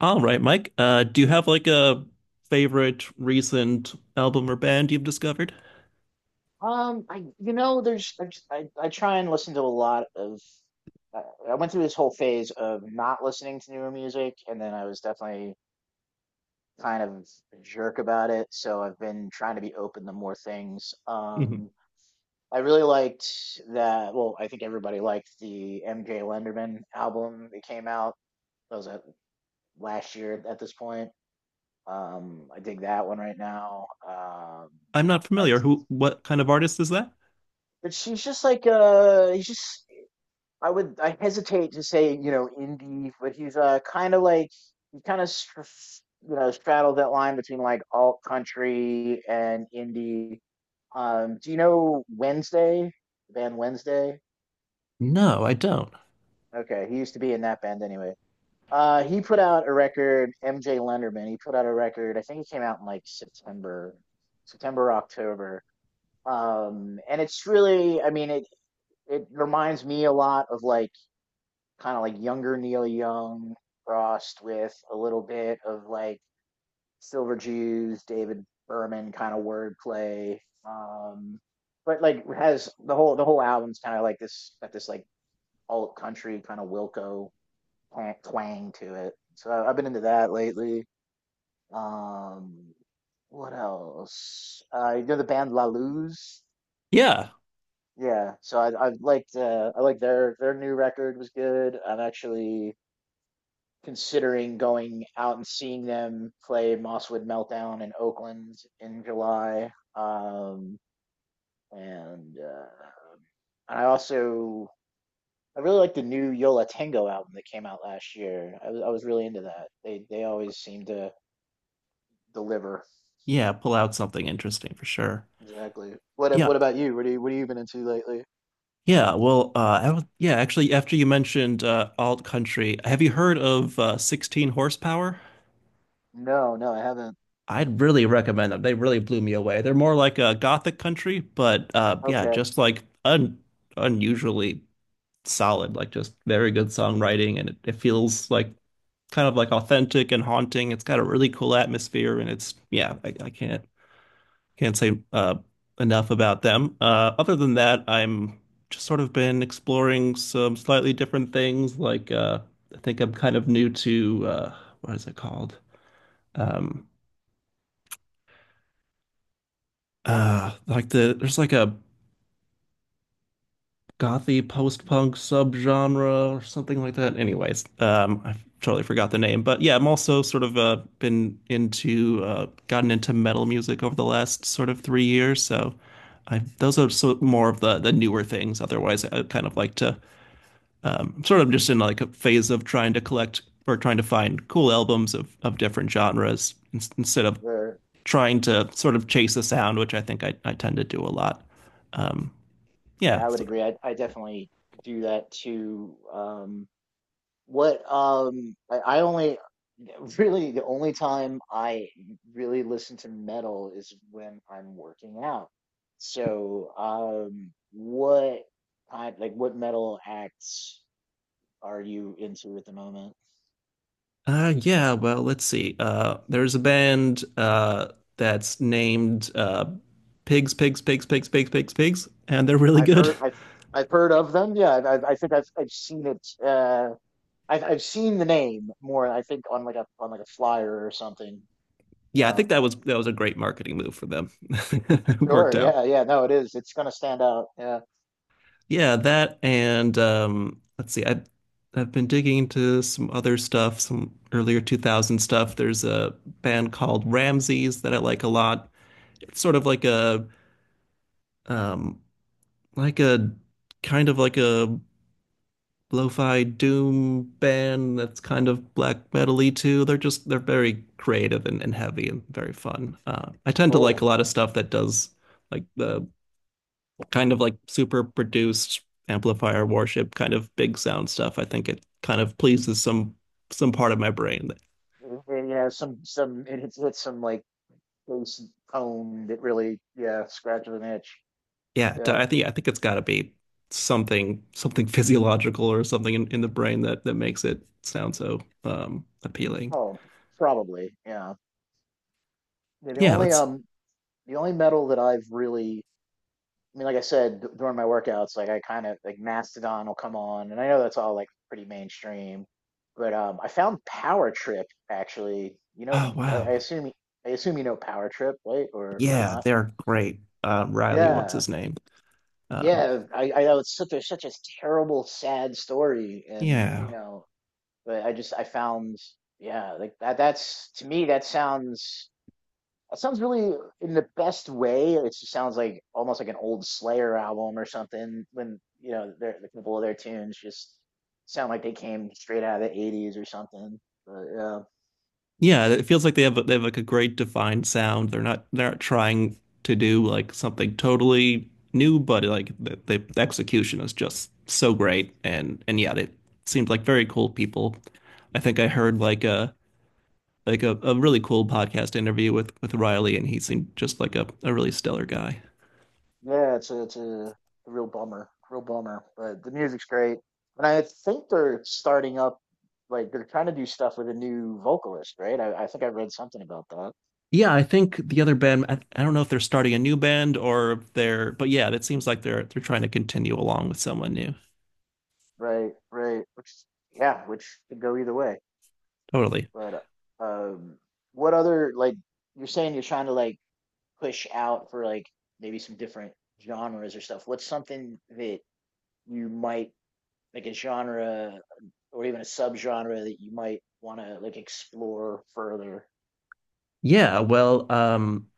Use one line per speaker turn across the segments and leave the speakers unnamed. All right, Mike. Do you have a favorite recent album or band you've discovered?
I I try and listen to a lot of. I, I went through this whole phase of not listening to newer music, and then I was definitely kind of a jerk about it. So I've been trying to be open to more things.
Mhm.
I really liked that. Well, I think everybody liked the MJ Lenderman album that came out. That was at, last year at this point. I dig that one right now.
I'm not familiar.
Liked,
What kind of artist is that?
but she's just like he's just I would I hesitate to say indie, but he's kind of like he kind of straddled that line between like alt country and indie. Do you know Wednesday? The band Wednesday.
No, I don't.
Okay, he used to be in that band anyway. He put out a record. MJ Lenderman. He put out a record. I think it came out in like September, September October. And it's really, I mean, it reminds me a lot of like kind of like younger Neil Young crossed with a little bit of like Silver Jews, David Berman kind of wordplay. Um, but like has the whole album's kind of like this got this like alt country kind of Wilco twang to it. So I've been into that lately. Um, what else? You know the band La Luz.
Yeah.
Yeah, so I liked I liked their new record was good. I'm actually considering going out and seeing them play Mosswood Meltdown in Oakland in July. And I also I really like the new Yola Tango album that came out last year. I was really into that. They always seem to deliver.
Yeah, pull out something interesting for sure.
Exactly.
Yeah.
What about you? What have you been into lately?
Yeah, well, I don't, yeah, actually, after you mentioned alt country, have you heard of 16 horsepower?
No, no, I haven't.
I'd really recommend them. They really blew me away. They're more like a gothic country, but yeah,
Okay.
just like un unusually solid, like just very good songwriting, and it feels like kind of like authentic and haunting. It's got a really cool atmosphere, and it's yeah, I can't say enough about them. Other than that, I'm just sort of been exploring some slightly different things. Like I think I'm kind of new to what is it called? Um, like, there's like a gothy post-punk subgenre or something like that. Anyways, I totally forgot the name, but yeah, I'm also sort of been into gotten into metal music over the last sort of 3 years. So I those are so more of the newer things. Otherwise, I kind of like to I'm sort of just in like a phase of trying to collect or trying to find cool albums of different genres instead of
Where
trying to sort of chase a sound, which I think I tend to do a lot. Um,
yeah,
yeah,
I would
so
agree. I definitely do that too. What I only really the only time I really listen to metal is when I'm working out. So what kind like what metal acts are you into at the moment?
Yeah, well, let's see. There's a band that's named Pigs, Pigs, Pigs, Pigs, Pigs, Pigs, Pigs, and they're really
I've
good.
heard I've I've heard of them. Yeah, I think I've seen it I've seen the name more I think on like a flyer or something.
Yeah, I
Yeah.
think that was a great marketing move for them. It worked
Sure,
out.
no, it is. It's gonna stand out. Yeah,
Yeah, that and let's see. I've been digging into some other stuff, some earlier 2000 stuff. There's a band called Ramses that I like a lot. It's sort of like a um, like a kind of like a lo-fi doom band that's kind of black metal-y too. They're very creative and heavy and very fun. I tend to like a
cool.
lot of stuff that does like the kind of like super produced amplifier worship kind of big sound stuff. I think it kind of pleases some part of my brain.
Yeah, some it hits some like bass tone that really yeah scratches an itch.
Yeah,
Yeah.
I think it's got to be something physiological or something in the brain that makes it sound so appealing.
Oh, probably. Yeah. Yeah,
Yeah, let's.
the only metal that I've really I mean, like I said during my workouts, like I kind of like Mastodon will come on, and I know that's all like pretty mainstream, but I found Power Trip actually.
Oh wow.
I assume you know Power Trip, right? Or
Yeah,
not?
they're great. Riley, what's
Yeah.
his name? Um,
Yeah, I know it's such a such a terrible, sad story, and you
yeah,
know, but I just I found yeah, like that's to me that sounds really in the best way. It just sounds like almost like an old Slayer album or something when you know the couple of their tunes just sound like they came straight out of the 80s or something. But yeah.
yeah. It feels like they have like a great defined sound. They're not trying to do like something totally new, but like the execution is just so great. And yeah, they seemed like very cool people. I think I heard like a really cool podcast interview with Riley, and he seemed just like a really stellar guy.
Yeah, it's a real bummer, real bummer. But the music's great, and I think they're starting up, like they're trying to do stuff with a new vocalist, right? I think I read something about that.
Yeah, I think the other band, I don't know if they're starting a new band or if they're, but yeah, it seems like they're trying to continue along with someone new.
Right, right. Which, yeah, which could go either way.
Totally.
But um, what other like you're saying you're trying to like push out for like maybe some different genres or stuff. What's something that you might like a genre or even a subgenre that you might want to like explore further?
Yeah,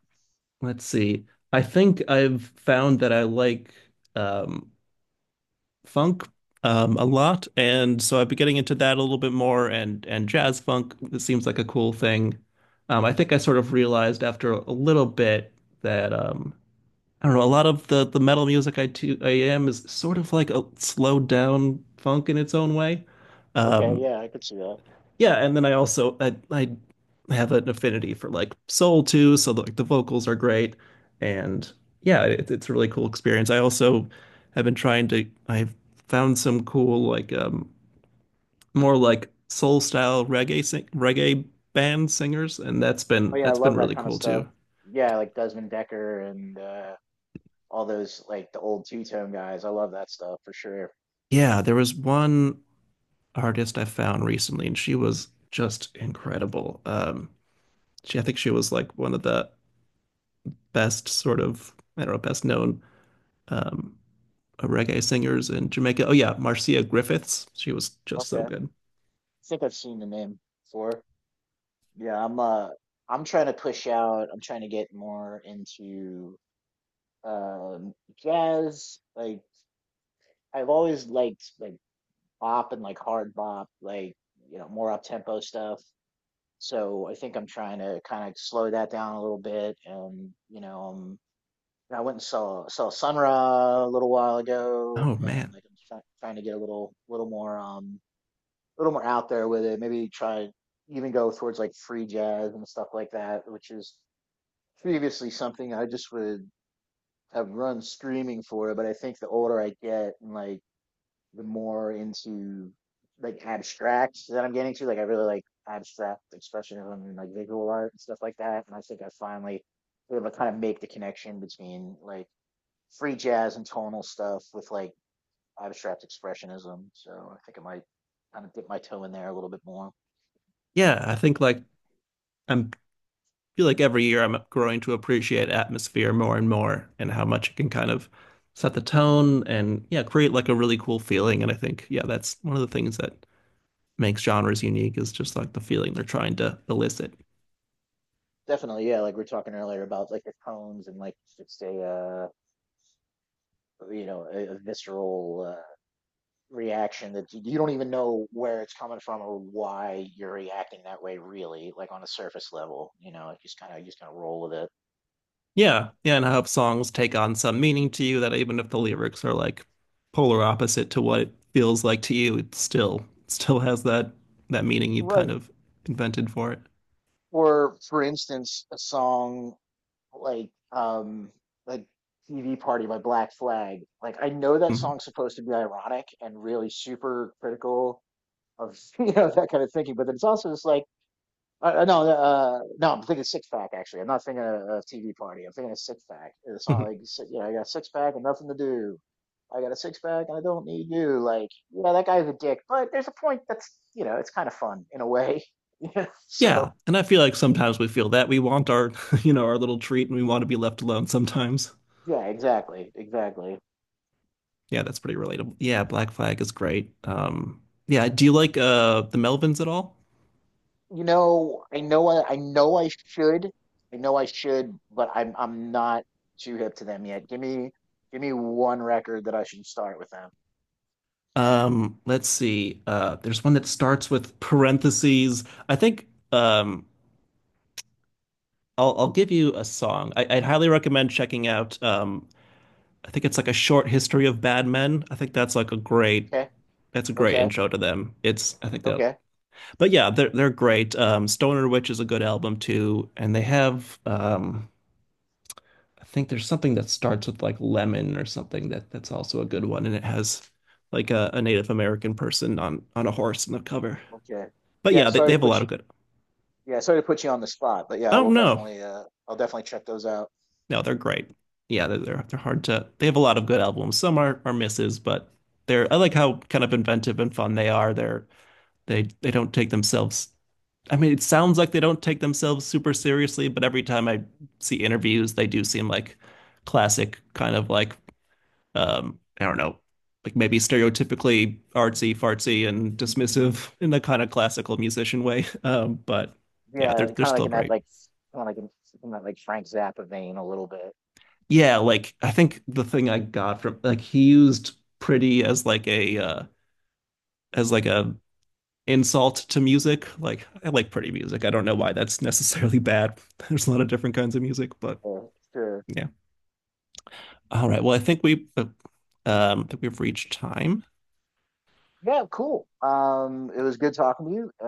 let's see. I think I've found that I like um funk a lot, and so I've been getting into that a little bit more and jazz funk. It seems like a cool thing. I think I sort of realized after a little bit that I don't know, a lot of the metal music I am is sort of like a slowed down funk in its own way.
Okay,
Um
yeah, I could see that.
yeah, and then I also I have an affinity for like soul too, so like the vocals are great and yeah, it's a really cool experience. I also have been trying to I've found some cool like more like soul style reggae sing, reggae band singers, and
Oh yeah, I
that's been
love that
really
kind of
cool
stuff.
too.
Yeah, like Desmond Decker and all those like the old two-tone guys. I love that stuff for sure.
Yeah, there was one artist I found recently, and she was just incredible. I think she was like one of the best sort of, I don't know, best known um, reggae singers in Jamaica. Oh yeah, Marcia Griffiths. She was just so
Okay.
good.
I think I've seen the name before. Yeah, I'm trying to push out. I'm trying to get more into um jazz. Like I've always liked like bop and like hard bop, like you know, more up-tempo stuff. So I think I'm trying to kind of slow that down a little bit and you know, I went and saw Sun Ra a little while ago,
Oh
and
man.
like trying to get a little more a little more out there with it. Maybe try even go towards like free jazz and stuff like that, which is previously something I just would have run screaming for. But I think the older I get and like the more into like abstract that I'm getting to, like I really like abstract expressionism and like visual art and stuff like that. And I think I finally able to kind of make the connection between like free jazz and tonal stuff with like abstract expressionism. So I think I might kind of dip my toe in there a little bit more.
Yeah, I think like I'm feel like every year I'm growing to appreciate atmosphere more and more and how much it can kind of set the tone and yeah, create like a really cool feeling. And I think, yeah, that's one of the things that makes genres unique is just like the feeling they're trying to elicit.
Definitely, yeah. Like we are talking earlier about like the tones and like it's a you know a visceral reaction that you don't even know where it's coming from or why you're reacting that way. Really, like on a surface level, you know, just kind of roll with it.
Yeah. Yeah. And how songs take on some meaning to you that even if the lyrics are like polar opposite to what it feels like to you, it still has that meaning you've kind
Right.
of invented for it.
Or for instance, a song like um like TV Party by Black Flag. Like I know that song's supposed to be ironic and really super critical of you know that kind of thinking, but then it's also just like no no I'm thinking Six Pack actually. I'm not thinking of TV Party. I'm thinking of Six Pack. The song
Mhm.
like you know I got a six pack and nothing to do. I got a six pack and I don't need you. Like yeah that guy's a dick, but there's a point that's you know it's kind of fun in a way. Yeah.
Yeah,
So
and I feel like sometimes we feel that we want you know, our little treat, and we want to be left alone sometimes.
yeah exactly exactly.
Yeah, that's pretty relatable. Yeah, Black Flag is great. Yeah, do you like the Melvins at all?
You know, I know I should. I know I should, but I'm not too hip to them yet. Give me one record that I should start with them.
Let's see. There's one that starts with parentheses. I think I'll give you a song. I'd highly recommend checking out I think it's like A Short History of Bad Men. I think that's like a great
Okay.
that's a great
Okay.
intro to them. It's I think that
Okay.
But yeah, they're great. Stoner Witch is a good album too, and they have I think there's something that starts with like Lemon or something that that's also a good one, and it has like a Native American person on a horse in the cover.
Okay.
But
Yeah,
yeah, they
sorry to
have a
put
lot
you
of good.
yeah, sorry to put you on the spot, but yeah,
I
I will
don't know.
definitely I'll definitely check those out.
No, they're great. Yeah, they're hard to. They have a lot of good albums. Some are misses, but they're I like how kind of inventive and fun they are. They they don't take themselves. I mean, it sounds like they don't take themselves super seriously, but every time I see interviews, they do seem like classic kind of like I don't know, like maybe stereotypically artsy, fartsy, and dismissive in a kind of classical musician way. But yeah,
Yeah,
they're
kind of like
still
in that
great.
like kind of like in that like Frank Zappa vein a little bit.
Yeah, I think the thing I got from like he used pretty as like a insult to music. Like I like pretty music. I don't know why that's necessarily bad. There's a lot of different kinds of music, but
Sure, sure.
yeah. All right. Well, I think we've reached time.
Yeah, cool. It was good talking to you.